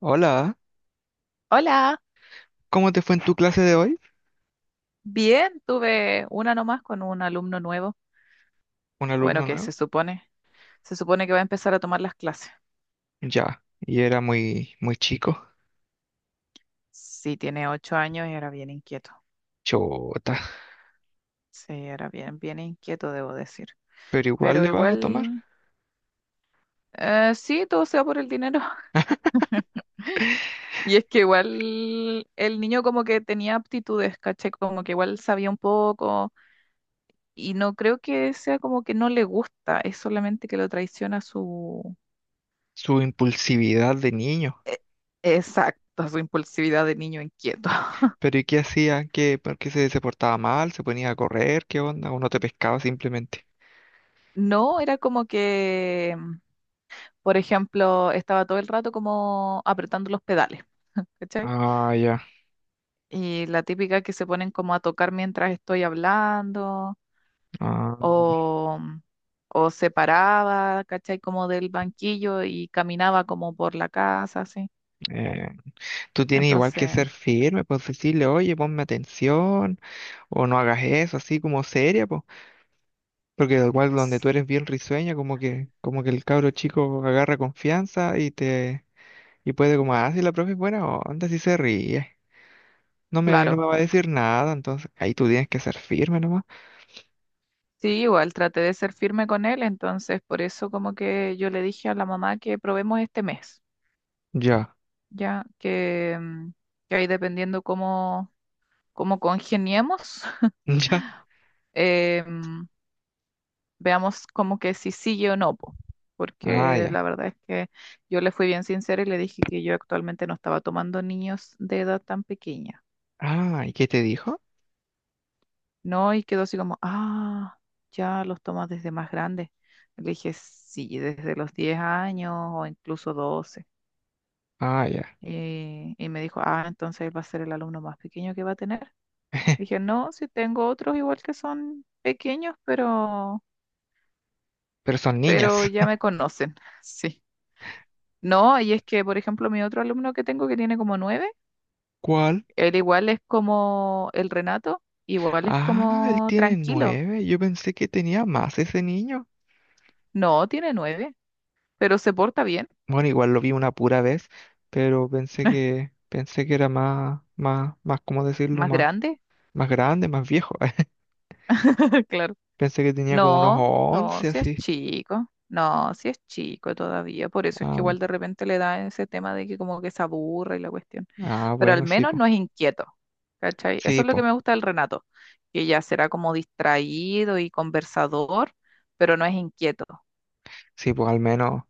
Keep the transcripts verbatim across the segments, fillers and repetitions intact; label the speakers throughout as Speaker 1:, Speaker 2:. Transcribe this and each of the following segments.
Speaker 1: Hola,
Speaker 2: Hola,
Speaker 1: ¿cómo te fue en tu clase de hoy?
Speaker 2: bien, tuve una nomás con un alumno nuevo.
Speaker 1: ¿Un
Speaker 2: Bueno,
Speaker 1: alumno
Speaker 2: que
Speaker 1: nuevo?
Speaker 2: se supone, se supone que va a empezar a tomar las clases.
Speaker 1: Ya, y era muy, muy chico.
Speaker 2: Sí, tiene ocho años y era bien inquieto.
Speaker 1: Chota,
Speaker 2: Sí, era bien, bien inquieto, debo decir.
Speaker 1: pero igual
Speaker 2: Pero
Speaker 1: le vas a tomar
Speaker 2: igual, eh, sí, todo sea por el dinero. Y es que igual el niño como que tenía aptitudes, caché, como que igual sabía un poco. Y no creo que sea como que no le gusta, es solamente que lo traiciona su...
Speaker 1: su impulsividad de niño.
Speaker 2: Exacto, su impulsividad de niño inquieto.
Speaker 1: Pero ¿y qué hacía? ¿Qué, por qué se, se portaba mal? ¿Se ponía a correr? ¿Qué onda? ¿O no te pescaba simplemente?
Speaker 2: No, era como que, mm, por ejemplo, estaba todo el rato como apretando los pedales, ¿cachai?
Speaker 1: Ah, ya.
Speaker 2: Y la típica que se ponen como a tocar mientras estoy hablando,
Speaker 1: Ah,
Speaker 2: o, mm, o se paraba, ¿cachai? Como del banquillo y caminaba como por la casa, así.
Speaker 1: eh, Tú tienes igual que
Speaker 2: Entonces,
Speaker 1: ser firme, pues decirle, oye, ponme atención, o no hagas eso, así como seria, pues. Porque igual donde
Speaker 2: s-
Speaker 1: tú eres bien risueña, como que, como que el cabro chico agarra confianza y te. Y puede como, ah, si la profe es buena onda, si se ríe. No me, no
Speaker 2: claro,
Speaker 1: me va a decir nada, entonces ahí tú tienes que ser firme nomás.
Speaker 2: sí, igual traté de ser firme con él, entonces por eso como que yo le dije a la mamá que probemos este mes,
Speaker 1: Ya,
Speaker 2: ya que, mm, que ahí dependiendo cómo como congeniemos,
Speaker 1: ya.
Speaker 2: em, veamos como que si sigue o no, po.
Speaker 1: Ah,
Speaker 2: Porque
Speaker 1: ya.
Speaker 2: la verdad es que yo le fui bien sincera y le dije que yo actualmente no estaba tomando niños de edad tan pequeña,
Speaker 1: Ah, ¿y qué te dijo?
Speaker 2: ¿no? Y quedó así como, ah, ya los tomas desde más grandes. Le dije, sí, desde los diez años o incluso doce.
Speaker 1: Ah, ya.
Speaker 2: Y, y me dijo, ah, entonces él va a ser el alumno más pequeño que va a tener. Dije, no, si tengo otros igual que son pequeños, pero
Speaker 1: Pero son
Speaker 2: pero
Speaker 1: niñas.
Speaker 2: ya me conocen, sí. No, y es que, por ejemplo, mi otro alumno que tengo que tiene como nueve,
Speaker 1: ¿Cuál?
Speaker 2: él igual es como el Renato, igual es
Speaker 1: Ah, él
Speaker 2: como
Speaker 1: tiene
Speaker 2: tranquilo.
Speaker 1: nueve. Yo pensé que tenía más ese niño.
Speaker 2: No, tiene nueve, pero se porta bien,
Speaker 1: Bueno, igual lo vi una pura vez, pero pensé que, pensé que era más, más, más, ¿cómo decirlo?
Speaker 2: más
Speaker 1: Más,
Speaker 2: grande,
Speaker 1: más grande, más viejo.
Speaker 2: claro.
Speaker 1: Pensé que tenía como unos
Speaker 2: No, no,
Speaker 1: once
Speaker 2: si es
Speaker 1: así.
Speaker 2: chico, no, si es chico todavía, por eso es que
Speaker 1: Ah,
Speaker 2: igual de repente le da ese tema de que como que se aburre y la cuestión,
Speaker 1: ah,
Speaker 2: pero al
Speaker 1: bueno, sí,
Speaker 2: menos
Speaker 1: po.
Speaker 2: no es inquieto, ¿cachai? Eso
Speaker 1: Sí,
Speaker 2: es lo que
Speaker 1: po.
Speaker 2: me gusta del Renato, que ya será como distraído y conversador, pero no es inquieto.
Speaker 1: Sí, pues al menos,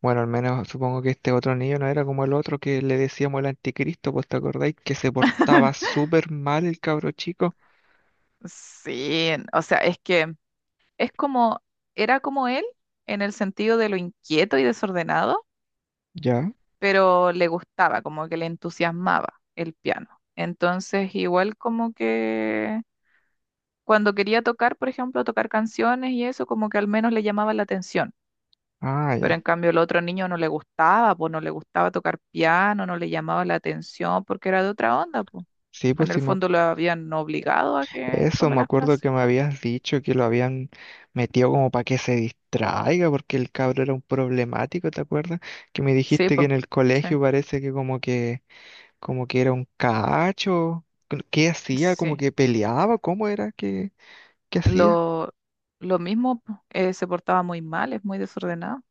Speaker 1: bueno, al menos supongo que este otro niño no era como el otro que le decíamos el anticristo, pues ¿te acordáis que se portaba súper mal el cabro chico?
Speaker 2: Sí, o sea, es que es como, era como él en el sentido de lo inquieto y desordenado,
Speaker 1: Ya.
Speaker 2: pero le gustaba, como que le entusiasmaba el piano. Entonces, igual como que cuando quería tocar, por ejemplo, tocar canciones y eso, como que al menos le llamaba la atención.
Speaker 1: Ah, ya.
Speaker 2: Pero en cambio el otro niño no le gustaba, pues no le gustaba tocar piano, no le llamaba la atención porque era de otra onda, pues.
Speaker 1: Sí, pues
Speaker 2: En el
Speaker 1: sí, me... ac-
Speaker 2: fondo lo habían obligado a que
Speaker 1: eso
Speaker 2: tome
Speaker 1: me
Speaker 2: las
Speaker 1: acuerdo
Speaker 2: clases.
Speaker 1: que me habías dicho que lo habían metido como para que se distraiga, porque el cabro era un problemático, ¿te acuerdas? Que me
Speaker 2: Sí,
Speaker 1: dijiste que
Speaker 2: pues.
Speaker 1: en el
Speaker 2: Sí,
Speaker 1: colegio parece que como que, como que era un cacho. ¿Qué hacía? ¿Como
Speaker 2: sí.
Speaker 1: que peleaba? ¿Cómo era que, que hacía?
Speaker 2: Lo, lo mismo, po, eh, se portaba muy mal, es muy desordenado.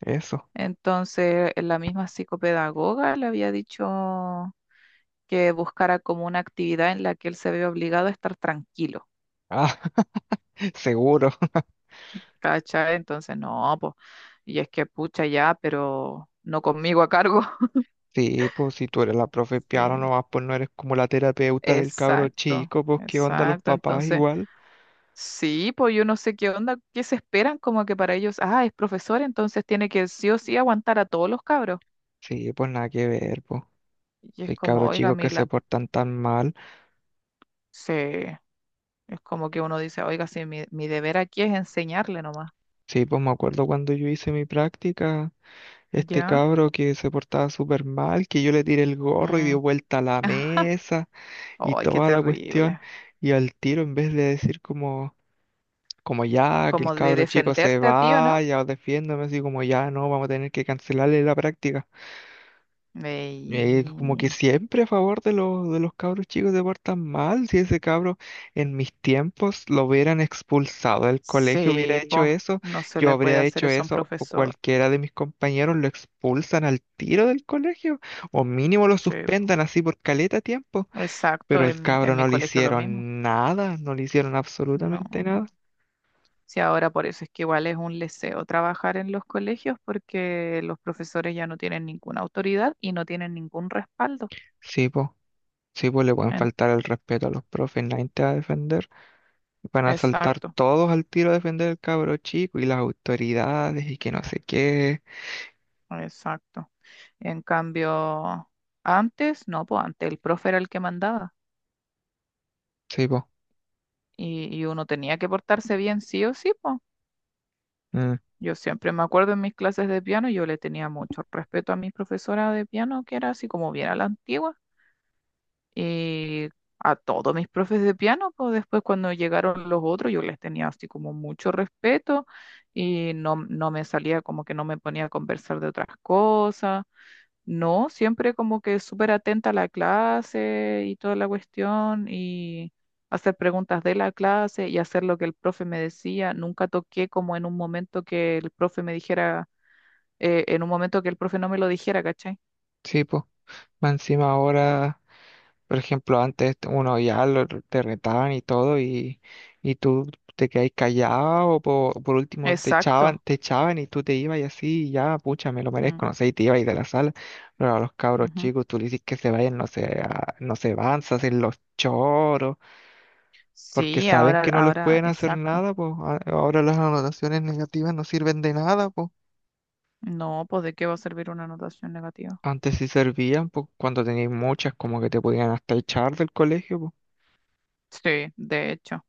Speaker 1: Eso.
Speaker 2: Entonces, la misma psicopedagoga le había dicho que buscara como una actividad en la que él se ve obligado a estar tranquilo,
Speaker 1: Ah, seguro.
Speaker 2: ¿cachai? Entonces, no, pues, y es que pucha ya, pero no conmigo a cargo.
Speaker 1: Sí, pues si tú eres la profe de piano
Speaker 2: Sí,
Speaker 1: nomás, pues no eres como la terapeuta del cabro
Speaker 2: exacto,
Speaker 1: chico, pues qué onda los
Speaker 2: exacto.
Speaker 1: papás
Speaker 2: Entonces,
Speaker 1: igual.
Speaker 2: sí, pues yo no sé qué onda, qué se esperan como que para ellos, ah, es profesor, entonces tiene que sí o sí aguantar a todos los cabros.
Speaker 1: Sí, pues nada que ver, pues.
Speaker 2: Y es
Speaker 1: Hay
Speaker 2: como,
Speaker 1: cabros
Speaker 2: oiga,
Speaker 1: chicos que se
Speaker 2: Mila,
Speaker 1: portan tan mal.
Speaker 2: sí. Es como que uno dice, oiga, si mi, mi deber aquí es enseñarle nomás.
Speaker 1: Sí, pues me acuerdo cuando yo hice mi práctica, este
Speaker 2: ¿Ya?
Speaker 1: cabro que se portaba súper mal, que yo le tiré el gorro y
Speaker 2: Mm.
Speaker 1: dio vuelta a la mesa y
Speaker 2: Ay, qué
Speaker 1: toda la cuestión.
Speaker 2: terrible.
Speaker 1: Y al tiro, en vez de decir como, como ya, que el
Speaker 2: Como de
Speaker 1: cabro chico se
Speaker 2: defenderte a ti, ¿o no?
Speaker 1: vaya o defiéndame, así como ya, no, vamos a tener que cancelarle la práctica. Eh, como que
Speaker 2: Ey,
Speaker 1: siempre a favor de los, de los cabros chicos se portan mal. Si ese cabro en mis tiempos lo hubieran expulsado del colegio, hubiera
Speaker 2: sí,
Speaker 1: hecho
Speaker 2: po.
Speaker 1: eso,
Speaker 2: No se
Speaker 1: yo
Speaker 2: le puede
Speaker 1: habría
Speaker 2: hacer
Speaker 1: hecho
Speaker 2: eso a un
Speaker 1: eso, o
Speaker 2: profesor.
Speaker 1: cualquiera de mis compañeros lo expulsan al tiro del colegio, o mínimo lo
Speaker 2: Sí, po.
Speaker 1: suspendan así por caleta tiempo.
Speaker 2: Exacto,
Speaker 1: Pero el
Speaker 2: en mi,
Speaker 1: cabro
Speaker 2: en mi
Speaker 1: no le
Speaker 2: colegio lo mismo.
Speaker 1: hicieron nada, no le hicieron
Speaker 2: No.
Speaker 1: absolutamente nada.
Speaker 2: Sí, ahora por eso es que igual es un leseo trabajar en los colegios porque los profesores ya no tienen ninguna autoridad y no tienen ningún respaldo.
Speaker 1: Sí, po, sí, po, le pueden
Speaker 2: En-
Speaker 1: faltar el respeto a los profes, nadie te va a defender. Van a saltar
Speaker 2: Exacto.
Speaker 1: todos al tiro a defender al cabro chico y las autoridades y que no sé qué.
Speaker 2: Exacto. En cambio, antes, no, pues antes el profe era el que mandaba
Speaker 1: Sí, po.
Speaker 2: y, y uno tenía que portarse bien sí o sí, pues.
Speaker 1: Mm,
Speaker 2: Yo siempre me acuerdo en mis clases de piano, yo le tenía mucho respeto a mi profesora de piano, que era así como bien a la antigua, y a todos mis profes de piano, pues después cuando llegaron los otros, yo les tenía así como mucho respeto y no, no me salía como que no me ponía a conversar de otras cosas. No, siempre como que súper atenta a la clase y toda la cuestión y hacer preguntas de la clase y hacer lo que el profe me decía. Nunca toqué como en un momento que el profe me dijera, eh, en un momento que el profe no me lo dijera, ¿cachai?
Speaker 1: sí, po. Más encima ahora, por ejemplo, antes uno ya lo, te retaban y todo y, y tú te quedabas callado o po- por último te echaban,
Speaker 2: Exacto.
Speaker 1: te echaban y tú te ibas y así y ya, pucha, me lo
Speaker 2: Mm,
Speaker 1: merezco, no sé, y te ibas de la sala. Pero a los cabros
Speaker 2: ujú.
Speaker 1: chicos tú le dices que se vayan, no se, no se van, se hacen los choros porque
Speaker 2: Sí,
Speaker 1: saben
Speaker 2: ahora,
Speaker 1: que no les
Speaker 2: ahora,
Speaker 1: pueden hacer
Speaker 2: exacto.
Speaker 1: nada, pues a- ahora las anotaciones negativas no sirven de nada, pues.
Speaker 2: No, pues ¿de qué va a servir una anotación negativa?
Speaker 1: Antes sí servían, pues cuando tenías muchas como que te podían hasta echar del colegio, pues.
Speaker 2: Sí, de hecho.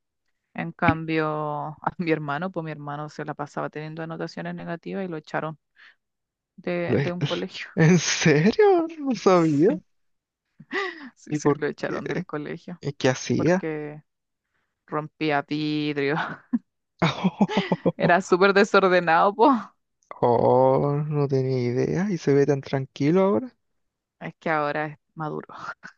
Speaker 2: En cambio, a mi hermano, pues mi hermano se la pasaba teniendo anotaciones negativas y lo echaron de,
Speaker 1: Lo-
Speaker 2: de
Speaker 1: he-
Speaker 2: un colegio.
Speaker 1: ¿En serio? No sabía.
Speaker 2: Sí, sí,
Speaker 1: ¿Y
Speaker 2: sí,
Speaker 1: por
Speaker 2: lo
Speaker 1: qué?
Speaker 2: echaron del colegio
Speaker 1: ¿Y qué hacía?
Speaker 2: porque rompía vidrio. Era súper desordenado, po.
Speaker 1: Oh, no tenía idea. ¿Y se ve tan tranquilo ahora?
Speaker 2: Es que ahora es maduro,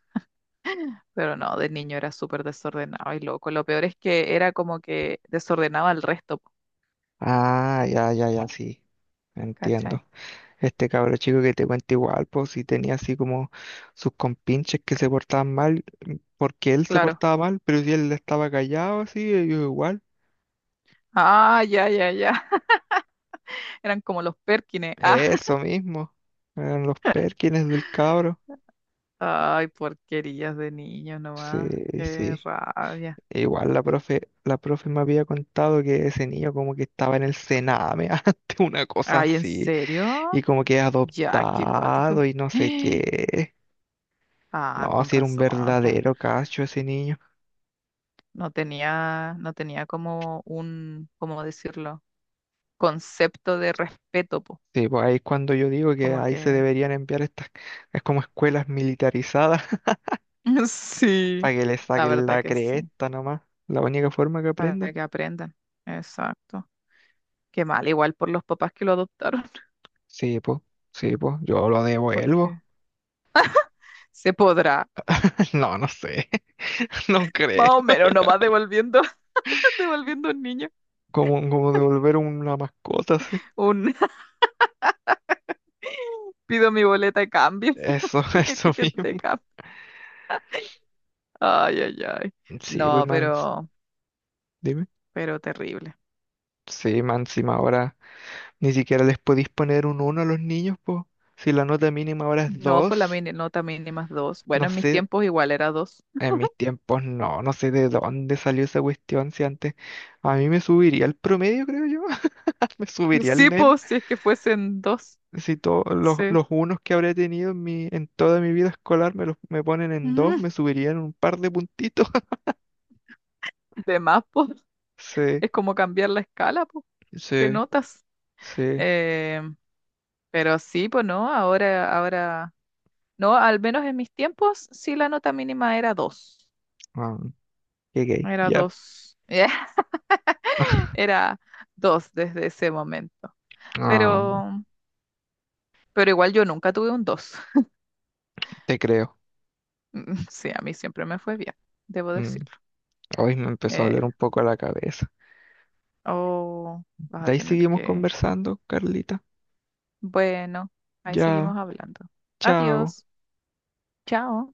Speaker 2: pero no, de niño era súper desordenado y loco. Lo peor es que era como que desordenaba al resto, po,
Speaker 1: Ah, ya, ya, ya, sí.
Speaker 2: ¿cachai?
Speaker 1: Entiendo. Este cabro chico que te cuenta igual, pues sí tenía así como sus compinches que se portaban mal porque él se
Speaker 2: Claro.
Speaker 1: portaba mal, pero si él estaba callado así, ellos igual.
Speaker 2: Ah, ya, ya, ya. Eran como los Perkines. Ah.
Speaker 1: Eso mismo. Eran los Perkins del cabro.
Speaker 2: Ay, porquerías de niño
Speaker 1: Sí,
Speaker 2: nomás. Qué
Speaker 1: sí.
Speaker 2: rabia.
Speaker 1: Igual la profe, la profe me había contado que ese niño como que estaba en el Sename antes, una cosa
Speaker 2: Ay, ¿en
Speaker 1: así,
Speaker 2: serio?
Speaker 1: y como que
Speaker 2: Ya, qué
Speaker 1: adoptado
Speaker 2: acuático.
Speaker 1: y no sé qué.
Speaker 2: Ah,
Speaker 1: No,
Speaker 2: con
Speaker 1: si era un
Speaker 2: razón, pues.
Speaker 1: verdadero cacho ese niño.
Speaker 2: No tenía, no tenía como un, ¿cómo decirlo? Concepto de respeto, po.
Speaker 1: Sí, pues ahí es cuando yo digo que
Speaker 2: Como
Speaker 1: ahí se
Speaker 2: que
Speaker 1: deberían enviar estas, es como escuelas militarizadas.
Speaker 2: sí,
Speaker 1: Para que le
Speaker 2: la
Speaker 1: saquen
Speaker 2: verdad
Speaker 1: la
Speaker 2: que sí,
Speaker 1: cresta nomás. La única forma que aprendan.
Speaker 2: para que aprendan. Exacto. Qué mal, igual por los papás que lo adoptaron,
Speaker 1: Sí, pues, sí, pues, yo lo devuelvo.
Speaker 2: porque se podrá,
Speaker 1: No, no sé, no
Speaker 2: más
Speaker 1: creo.
Speaker 2: o menos, nomás devolviendo, devolviendo un niño.
Speaker 1: Como, como devolver una mascota, sí.
Speaker 2: Un pido mi boleta de cambio,
Speaker 1: Eso,
Speaker 2: mi
Speaker 1: eso
Speaker 2: ticket
Speaker 1: mismo.
Speaker 2: de cambio. Ay, ay, ay.
Speaker 1: Sí, pues,
Speaker 2: No,
Speaker 1: man,
Speaker 2: pero,
Speaker 1: dime.
Speaker 2: pero terrible.
Speaker 1: Sí, man, encima ahora ni siquiera les podéis poner un uno a los niños, pues. Si la nota mínima ahora es
Speaker 2: No, pues la
Speaker 1: dos.
Speaker 2: mini, nota mínima ni dos.
Speaker 1: No
Speaker 2: Bueno, en mis
Speaker 1: sé,
Speaker 2: tiempos igual era dos.
Speaker 1: en mis tiempos no, no sé de dónde salió esa cuestión, si antes a mí me subiría el promedio, creo yo, me subiría el
Speaker 2: Sí,
Speaker 1: N E M.
Speaker 2: pues, si es que fuesen dos.
Speaker 1: Si to- los,
Speaker 2: Sí.
Speaker 1: los unos que habré tenido en mi, en toda mi vida escolar me los me ponen en dos,
Speaker 2: Mm,
Speaker 1: me subirían un par de puntitos.
Speaker 2: de más, pues.
Speaker 1: Sí,
Speaker 2: Es como cambiar la escala, pues, de
Speaker 1: sí,
Speaker 2: notas.
Speaker 1: sí.
Speaker 2: Eh, pero sí, pues no, ahora, ahora. No, al menos en mis tiempos, sí la nota mínima era dos.
Speaker 1: Ah, qué gay,
Speaker 2: Era
Speaker 1: ya.
Speaker 2: dos. Era dos desde ese momento.
Speaker 1: Ah,
Speaker 2: Pero, pero igual yo nunca tuve un dos.
Speaker 1: te creo.
Speaker 2: Sí, a mí siempre me fue bien, debo
Speaker 1: Mm,
Speaker 2: decirlo.
Speaker 1: hoy me empezó a
Speaker 2: Eh,
Speaker 1: doler un poco la cabeza.
Speaker 2: Oh, vas a
Speaker 1: De ahí
Speaker 2: tener
Speaker 1: seguimos
Speaker 2: que...
Speaker 1: conversando, Carlita.
Speaker 2: Bueno, ahí
Speaker 1: Ya,
Speaker 2: seguimos hablando.
Speaker 1: chao.
Speaker 2: Adiós. Chao.